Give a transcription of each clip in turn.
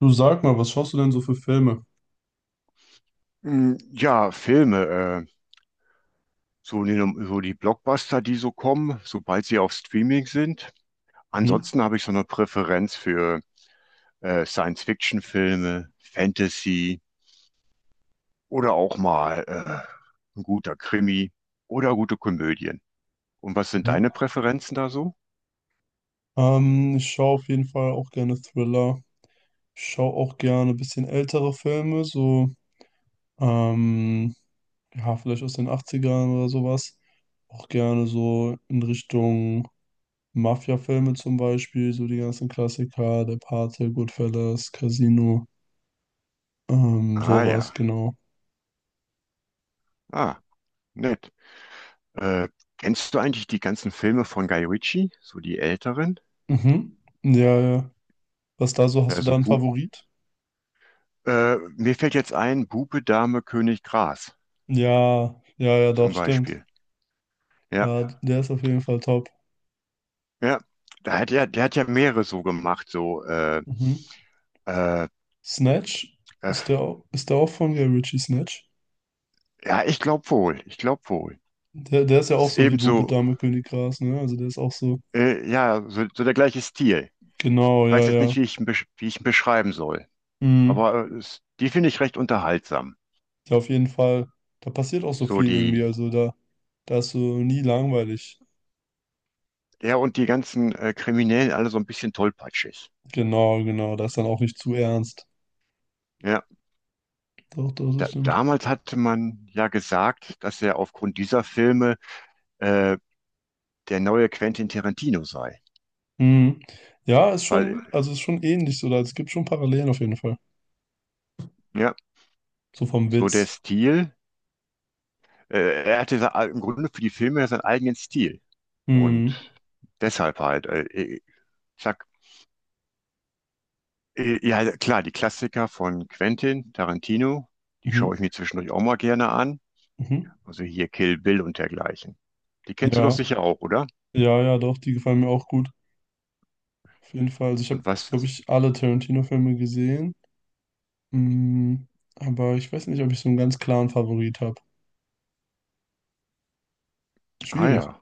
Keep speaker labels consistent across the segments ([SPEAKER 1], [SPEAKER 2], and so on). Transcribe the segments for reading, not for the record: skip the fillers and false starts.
[SPEAKER 1] Du, sag mal, was schaust du denn so für Filme?
[SPEAKER 2] Mm, ja, Filme, so, so die Blockbuster, die so kommen, sobald sie auf Streaming sind.
[SPEAKER 1] Mhm.
[SPEAKER 2] Ansonsten habe ich so eine Präferenz für Science-Fiction-Filme, Fantasy oder auch mal ein guter Krimi oder gute Komödien. Und was sind
[SPEAKER 1] Mhm.
[SPEAKER 2] deine Präferenzen da so?
[SPEAKER 1] Ich schaue auf jeden Fall auch gerne Thriller. Ich schaue auch gerne ein bisschen ältere Filme, so, ähm, ja, vielleicht aus den Achtzigern oder sowas. Auch gerne so in Richtung Mafia-Filme zum Beispiel, so die ganzen Klassiker, Der Pate, Goodfellas, Casino,
[SPEAKER 2] Ah
[SPEAKER 1] sowas,
[SPEAKER 2] ja.
[SPEAKER 1] genau.
[SPEAKER 2] Ah, nett. Äh, Kennst du eigentlich die ganzen Filme von Guy Ritchie, so die älteren?
[SPEAKER 1] Mhm. Ja, ja. Was da so, hast du da
[SPEAKER 2] Also
[SPEAKER 1] einen
[SPEAKER 2] Bu
[SPEAKER 1] Favorit?
[SPEAKER 2] Mir fällt jetzt ein, Bube, Dame, König, Gras
[SPEAKER 1] Ja, ja, ja,
[SPEAKER 2] zum
[SPEAKER 1] doch, stimmt.
[SPEAKER 2] Beispiel. Ja,
[SPEAKER 1] Ja, der ist auf jeden Fall top.
[SPEAKER 2] ja. Da hat er, der hat ja mehrere so gemacht,
[SPEAKER 1] Mhm.
[SPEAKER 2] äh,
[SPEAKER 1] Snatch.
[SPEAKER 2] äh,
[SPEAKER 1] Ist der, ist der auch von Guy Ritchie, Snatch?
[SPEAKER 2] ja, ich glaube wohl.
[SPEAKER 1] Der ist ja auch
[SPEAKER 2] Ist
[SPEAKER 1] so wie
[SPEAKER 2] eben
[SPEAKER 1] Bube,
[SPEAKER 2] so,
[SPEAKER 1] Dame, König, Gras, ne? Also der ist auch so.
[SPEAKER 2] ja, so der gleiche Stil.
[SPEAKER 1] Genau,
[SPEAKER 2] Ich weiß
[SPEAKER 1] ja,
[SPEAKER 2] jetzt nicht,
[SPEAKER 1] ja.
[SPEAKER 2] wie ich ihn, besch wie ich ihn beschreiben soll,
[SPEAKER 1] Mhm.
[SPEAKER 2] aber die finde ich recht unterhaltsam.
[SPEAKER 1] Ja, auf jeden Fall. Da passiert auch so
[SPEAKER 2] So
[SPEAKER 1] viel irgendwie.
[SPEAKER 2] die
[SPEAKER 1] Also da ist so nie langweilig.
[SPEAKER 2] Ja, und die ganzen Kriminellen alle so ein bisschen tollpatschig.
[SPEAKER 1] Genau, genau. Da ist dann auch nicht zu ernst.
[SPEAKER 2] Ja,
[SPEAKER 1] Doch, doch, das stimmt.
[SPEAKER 2] damals hatte man ja gesagt, dass er aufgrund dieser Filme äh, der neue Quentin Tarantino sei.
[SPEAKER 1] Mhm. Ja, ist
[SPEAKER 2] Weil,
[SPEAKER 1] schon, also ist schon ähnlich so. Da, es gibt schon Parallelen auf jeden Fall.
[SPEAKER 2] ja,
[SPEAKER 1] So vom
[SPEAKER 2] so der
[SPEAKER 1] Witz.
[SPEAKER 2] Stil, äh, er hatte im Grunde für die Filme ja seinen eigenen Stil. Und
[SPEAKER 1] Mhm.
[SPEAKER 2] deshalb halt, ich sag, ja, klar, die Klassiker von Quentin Tarantino, die
[SPEAKER 1] Mhm.
[SPEAKER 2] schaue ich mir zwischendurch auch mal gerne an.
[SPEAKER 1] Mhm.
[SPEAKER 2] Also hier Kill Bill und dergleichen. Die kennst du doch
[SPEAKER 1] Ja,
[SPEAKER 2] sicher auch, oder?
[SPEAKER 1] ja, ja, doch, die gefallen mir auch gut. Auf jeden Fall. Also ich habe,
[SPEAKER 2] Und was?
[SPEAKER 1] glaube ich, alle Tarantino-Filme gesehen. Mm, aber ich weiß nicht, ob ich so einen ganz klaren Favorit habe.
[SPEAKER 2] Ah
[SPEAKER 1] Schwierig.
[SPEAKER 2] ja.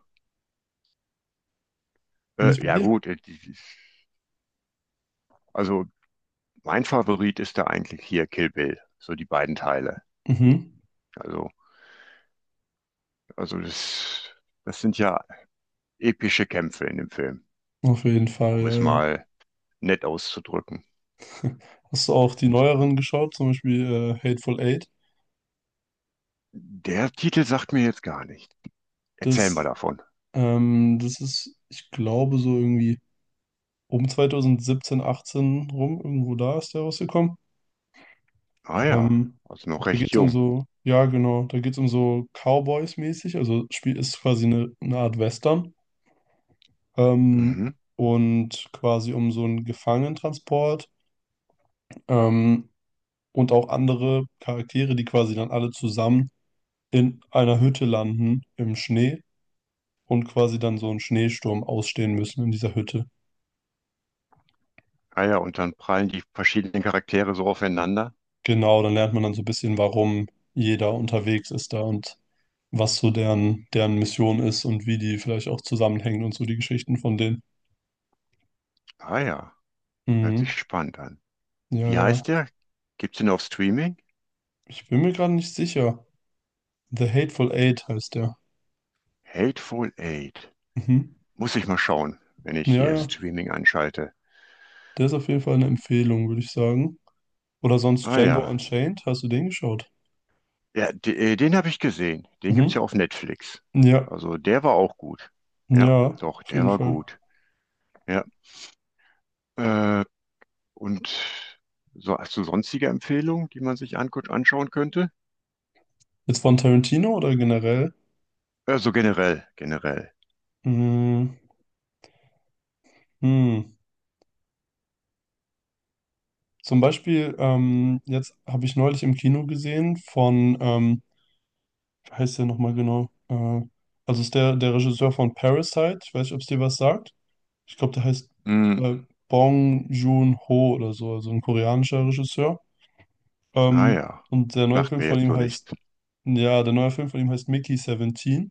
[SPEAKER 1] Und wie ist bei
[SPEAKER 2] Ja
[SPEAKER 1] dir?
[SPEAKER 2] gut, also mein Favorit ist da eigentlich hier Kill Bill, so die beiden Teile.
[SPEAKER 1] Mhm.
[SPEAKER 2] Also, also das, das sind ja epische Kämpfe in dem Film,
[SPEAKER 1] Auf jeden Fall,
[SPEAKER 2] um
[SPEAKER 1] ja,
[SPEAKER 2] es
[SPEAKER 1] ja.
[SPEAKER 2] mal nett auszudrücken.
[SPEAKER 1] Hast du auch die neueren geschaut, zum Beispiel Hateful Eight?
[SPEAKER 2] Der Titel sagt mir jetzt gar nicht. Erzähl
[SPEAKER 1] Das,
[SPEAKER 2] mal davon.
[SPEAKER 1] das ist, ich glaube, so irgendwie um 2017, 18 rum, irgendwo da ist der rausgekommen.
[SPEAKER 2] Ah ja,
[SPEAKER 1] Ähm,
[SPEAKER 2] also noch
[SPEAKER 1] Da
[SPEAKER 2] recht
[SPEAKER 1] geht es um
[SPEAKER 2] jung.
[SPEAKER 1] so, ja, genau, da geht es um so Cowboys-mäßig, also Spiel ist quasi eine Art Western. ähm,
[SPEAKER 2] Mhm.
[SPEAKER 1] und quasi um so einen Gefangenentransport ähm, und auch andere Charaktere, die quasi dann alle zusammen in einer Hütte landen im Schnee und quasi dann so einen Schneesturm ausstehen müssen in dieser Hütte.
[SPEAKER 2] Ah ja, und dann prallen die verschiedenen Charaktere so aufeinander.
[SPEAKER 1] Genau, dann lernt man dann so ein bisschen, warum jeder unterwegs ist da und was so deren Mission ist und wie die vielleicht auch zusammenhängen und so die Geschichten von denen.
[SPEAKER 2] Ah ja, hört
[SPEAKER 1] Mhm.
[SPEAKER 2] sich spannend an.
[SPEAKER 1] Ja,
[SPEAKER 2] Wie
[SPEAKER 1] ja.
[SPEAKER 2] heißt der? Gibt's den auf Streaming?
[SPEAKER 1] Ich bin mir gerade nicht sicher. The Hateful Eight heißt der.
[SPEAKER 2] Hateful Eight.
[SPEAKER 1] Mhm.
[SPEAKER 2] Muss ich mal schauen, wenn ich
[SPEAKER 1] Ja,
[SPEAKER 2] hier
[SPEAKER 1] ja.
[SPEAKER 2] Streaming anschalte.
[SPEAKER 1] Der ist auf jeden Fall eine Empfehlung, würde ich sagen. Oder sonst
[SPEAKER 2] Ah
[SPEAKER 1] Django
[SPEAKER 2] ja,
[SPEAKER 1] Unchained, hast du den geschaut?
[SPEAKER 2] ja, den habe ich gesehen. Den gibt's ja
[SPEAKER 1] Mhm.
[SPEAKER 2] auf Netflix.
[SPEAKER 1] Ja,
[SPEAKER 2] Also der war auch gut. Ja,
[SPEAKER 1] ja,
[SPEAKER 2] doch,
[SPEAKER 1] auf
[SPEAKER 2] der
[SPEAKER 1] jeden
[SPEAKER 2] war
[SPEAKER 1] Fall.
[SPEAKER 2] gut. Ja, äh, und so hast du sonstige Empfehlungen, die man sich anschauen könnte?
[SPEAKER 1] Jetzt von Tarantino oder generell?
[SPEAKER 2] Also generell, generell.
[SPEAKER 1] Hm, hm. Zum Beispiel, jetzt habe ich neulich im Kino gesehen von, wie heißt der nochmal genau? Also ist der Regisseur von Parasite, ich weiß nicht, ob es dir was sagt. Ich glaube, der heißt
[SPEAKER 2] Hm,
[SPEAKER 1] äh, Bong Joon-ho oder so, also ein koreanischer Regisseur.
[SPEAKER 2] ah
[SPEAKER 1] Ähm,
[SPEAKER 2] ja,
[SPEAKER 1] und der neue
[SPEAKER 2] sagt
[SPEAKER 1] Film
[SPEAKER 2] mir
[SPEAKER 1] von
[SPEAKER 2] jetzt
[SPEAKER 1] ihm
[SPEAKER 2] so
[SPEAKER 1] heißt,
[SPEAKER 2] nicht.
[SPEAKER 1] ja, der neue Film von ihm heißt Mickey 17,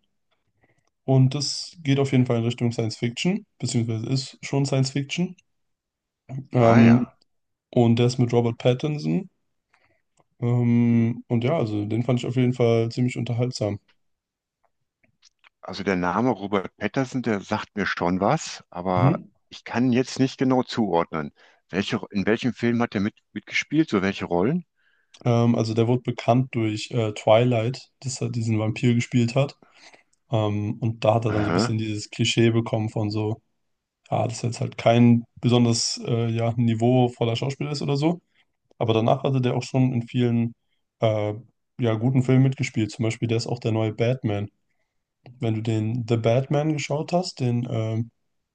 [SPEAKER 1] und das geht auf jeden Fall in Richtung Science Fiction, beziehungsweise ist schon Science Fiction.
[SPEAKER 2] Ah
[SPEAKER 1] Ähm,
[SPEAKER 2] ja.
[SPEAKER 1] und der ist mit Robert Pattinson. Und ja, also den fand ich auf jeden Fall ziemlich unterhaltsam.
[SPEAKER 2] Also der Name Robert Patterson, der sagt mir schon was, aber
[SPEAKER 1] Mhm.
[SPEAKER 2] ich kann jetzt nicht genau zuordnen. Welche, in welchem Film hat er mitgespielt? So welche Rollen?
[SPEAKER 1] Also der wurde bekannt durch Twilight, dass er diesen Vampir gespielt hat. Und da hat er dann so ein bisschen
[SPEAKER 2] Aha.
[SPEAKER 1] dieses Klischee bekommen von so, ja, dass er jetzt halt kein besonders ja, niveauvoller Schauspieler ist oder so. Aber danach hatte der auch schon in vielen äh, ja, guten Filmen mitgespielt. Zum Beispiel, der ist auch der neue Batman. Wenn du den The Batman geschaut hast, den,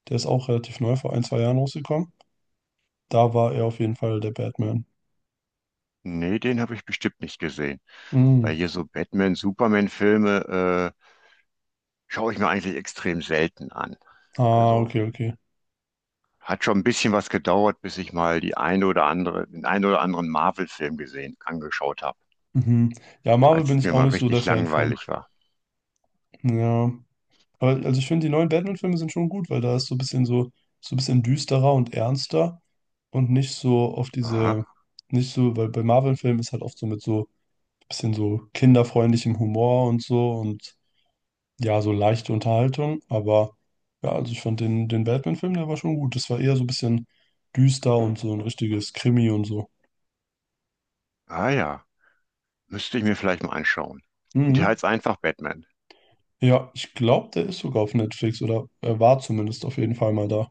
[SPEAKER 1] der ist auch relativ neu, vor ein, zwei Jahren rausgekommen. Da war er auf jeden Fall der Batman.
[SPEAKER 2] Nee, den habe ich bestimmt nicht gesehen. Weil
[SPEAKER 1] Mm.
[SPEAKER 2] hier so Batman, Superman-Filme schaue ich mir eigentlich extrem selten an.
[SPEAKER 1] Ah,
[SPEAKER 2] Also
[SPEAKER 1] okay, okay.
[SPEAKER 2] hat schon ein bisschen was gedauert, bis ich mal die eine oder andere, den einen oder anderen Marvel-Film gesehen, angeschaut habe,
[SPEAKER 1] Mhm. Ja, Marvel
[SPEAKER 2] als
[SPEAKER 1] bin
[SPEAKER 2] es
[SPEAKER 1] ich
[SPEAKER 2] mir
[SPEAKER 1] auch
[SPEAKER 2] mal
[SPEAKER 1] nicht so der
[SPEAKER 2] richtig
[SPEAKER 1] Fan von.
[SPEAKER 2] langweilig war.
[SPEAKER 1] Ja. Aber also ich finde, die neuen Batman-Filme sind schon gut, weil da ist so ein bisschen so, so ein bisschen düsterer und ernster und nicht so auf
[SPEAKER 2] Aha.
[SPEAKER 1] diese, nicht so, weil bei Marvel-Filmen ist halt oft so mit so bisschen so kinderfreundlichem Humor und so, und ja, so leichte Unterhaltung. Aber ja, also ich fand den, Batman-Film, der war schon gut. Das war eher so ein bisschen düster und so ein richtiges Krimi und so.
[SPEAKER 2] Ah ja. Müsste ich mir vielleicht mal anschauen. Und der
[SPEAKER 1] Mhm.
[SPEAKER 2] heißt einfach Batman.
[SPEAKER 1] Ja, ich glaube, der ist sogar auf Netflix oder er war zumindest auf jeden Fall mal da.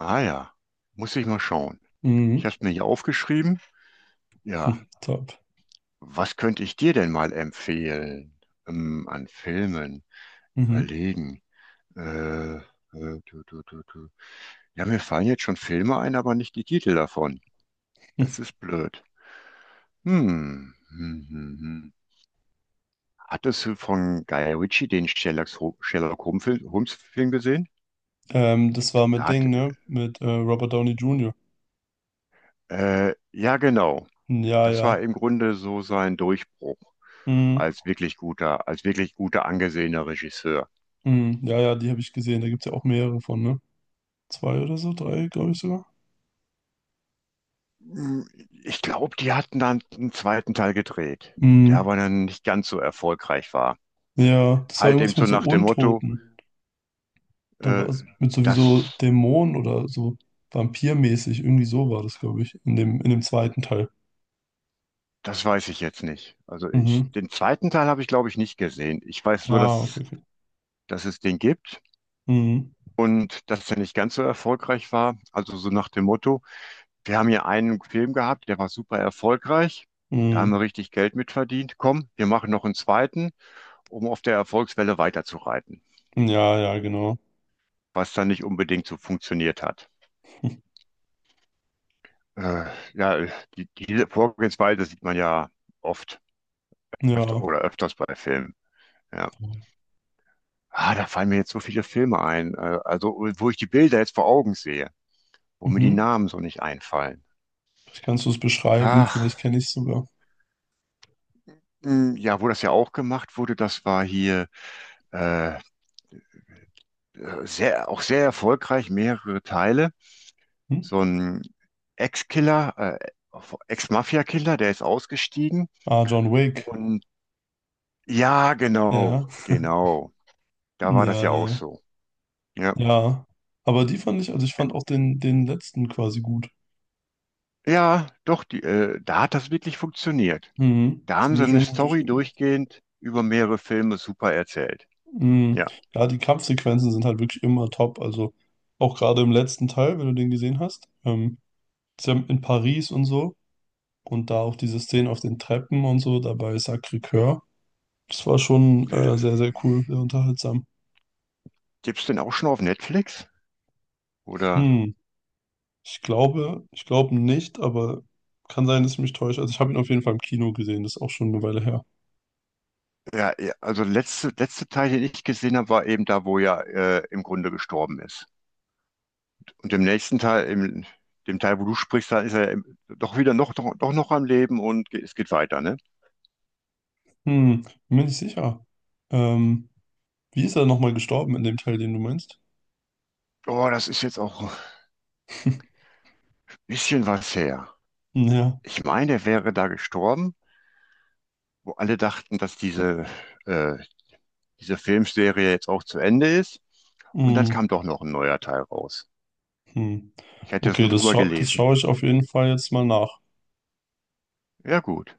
[SPEAKER 2] Ah ja. Muss ich mal schauen. Ich
[SPEAKER 1] Mhm.
[SPEAKER 2] habe es mir hier aufgeschrieben. Ja.
[SPEAKER 1] Hm, top.
[SPEAKER 2] Was könnte ich dir denn mal empfehlen? An Filmen.
[SPEAKER 1] Mhm.
[SPEAKER 2] Überlegen. Äh, äh, du, du. Ja, mir fallen jetzt schon Filme ein, aber nicht die Titel davon.
[SPEAKER 1] Hm.
[SPEAKER 2] Das ist blöd. Hm. Hm, hm, hm. Hattest du von Guy Ritchie den Sherlock Holmes Film Holmes Film gesehen?
[SPEAKER 1] Das war
[SPEAKER 2] Da
[SPEAKER 1] mit
[SPEAKER 2] hat,
[SPEAKER 1] Ding, ne? Mit Robert Downey Jr.
[SPEAKER 2] ja, genau.
[SPEAKER 1] Ja,
[SPEAKER 2] Das
[SPEAKER 1] ja.
[SPEAKER 2] war im Grunde so sein Durchbruch
[SPEAKER 1] Mhm.
[SPEAKER 2] als wirklich guter angesehener Regisseur.
[SPEAKER 1] Mhm. Ja, ja, die habe ich gesehen. Da gibt es ja auch mehrere von, ne? Zwei oder so, drei, glaube ich sogar.
[SPEAKER 2] Ich glaube, die hatten dann einen zweiten Teil gedreht, der
[SPEAKER 1] Mm.
[SPEAKER 2] aber dann nicht ganz so erfolgreich war.
[SPEAKER 1] Ja, das war
[SPEAKER 2] Halt eben
[SPEAKER 1] irgendwas
[SPEAKER 2] so
[SPEAKER 1] mit so
[SPEAKER 2] nach dem Motto,
[SPEAKER 1] Untoten. Da
[SPEAKER 2] äh,
[SPEAKER 1] war es mit sowieso
[SPEAKER 2] das,
[SPEAKER 1] Dämonen oder so vampirmäßig. Irgendwie so war das, glaube ich, in dem zweiten Teil.
[SPEAKER 2] das weiß ich jetzt nicht. Also ich,
[SPEAKER 1] Mhm.
[SPEAKER 2] den zweiten Teil habe ich, glaube ich, nicht gesehen. Ich weiß nur,
[SPEAKER 1] Ah, okay, okay.
[SPEAKER 2] dass es den gibt
[SPEAKER 1] Mhm.
[SPEAKER 2] und dass der nicht ganz so erfolgreich war. Also so nach dem Motto, wir haben hier einen Film gehabt, der war super erfolgreich. Da haben
[SPEAKER 1] Mhm.
[SPEAKER 2] wir richtig Geld mitverdient. Komm, wir machen noch einen zweiten, um auf der Erfolgswelle weiterzureiten,
[SPEAKER 1] Ja, ja, genau.
[SPEAKER 2] was dann nicht unbedingt so funktioniert hat. Äh, ja, diese Vorgehensweise sieht man ja oft, öfter
[SPEAKER 1] Ja.
[SPEAKER 2] oder öfters bei Filmen. Ja. Ah, da fallen mir jetzt so viele Filme ein, also wo ich die Bilder jetzt vor Augen sehe, wo mir die
[SPEAKER 1] Mhm.
[SPEAKER 2] Namen so nicht einfallen.
[SPEAKER 1] Vielleicht kannst du es beschreiben,
[SPEAKER 2] Ach,
[SPEAKER 1] vielleicht kenne ich es sogar.
[SPEAKER 2] mh, ja, wo das ja auch gemacht wurde, das war hier äh, sehr, auch sehr erfolgreich, mehrere Teile.
[SPEAKER 1] Hm?
[SPEAKER 2] So ein Ex-Killer, Ex-Mafia-Killer, der ist ausgestiegen.
[SPEAKER 1] Ah, John Wick.
[SPEAKER 2] Und ja, genau,
[SPEAKER 1] Ja.
[SPEAKER 2] genau. Da
[SPEAKER 1] Ja,
[SPEAKER 2] war das ja auch
[SPEAKER 1] ja. Ja.
[SPEAKER 2] so. Ja,
[SPEAKER 1] Ja. Aber die fand ich, also ich fand auch den, letzten quasi gut.
[SPEAKER 2] ja, doch, da hat das wirklich funktioniert.
[SPEAKER 1] Mhm.
[SPEAKER 2] Da haben sie
[SPEAKER 1] Ziemlich
[SPEAKER 2] eine
[SPEAKER 1] ungut.
[SPEAKER 2] Story durchgehend über mehrere Filme super erzählt.
[SPEAKER 1] Mm,
[SPEAKER 2] Ja.
[SPEAKER 1] Ja, die Kampfsequenzen sind halt wirklich immer top. Also auch gerade im letzten Teil, wenn du den gesehen hast, ist ja in Paris und so und da auch diese Szenen auf den Treppen und so, dabei Sacré-Cœur. Das war schon
[SPEAKER 2] Äh,
[SPEAKER 1] sehr, sehr cool, sehr unterhaltsam.
[SPEAKER 2] gibt's denn auch schon auf Netflix? Oder?
[SPEAKER 1] Hm, ich glaube nicht, aber kann sein, dass ich mich täusche. Also ich habe ihn auf jeden Fall im Kino gesehen, das ist auch schon eine Weile her.
[SPEAKER 2] Ja, ja, also letzte Teil, den ich gesehen habe, war eben da, wo er im Grunde gestorben ist. Und im nächsten Teil, im dem Teil, wo du sprichst, da ist er doch wieder noch, doch, doch noch am Leben und ge es geht weiter, ne?
[SPEAKER 1] Bin mir nicht sicher. Ähm, Wie ist er nochmal gestorben in dem Teil, den du meinst?
[SPEAKER 2] Oh, das ist jetzt auch ein bisschen was her.
[SPEAKER 1] Ja.
[SPEAKER 2] Ich meine, er wäre da gestorben, wo alle dachten, dass äh, diese Filmserie jetzt auch zu Ende ist. Und dann
[SPEAKER 1] Hm.
[SPEAKER 2] kam doch noch ein neuer Teil raus.
[SPEAKER 1] Hm.
[SPEAKER 2] Ich hätte das
[SPEAKER 1] Okay,
[SPEAKER 2] nur drüber
[SPEAKER 1] das
[SPEAKER 2] gelesen.
[SPEAKER 1] schaue ich auf jeden Fall jetzt mal nach.
[SPEAKER 2] Ja, gut.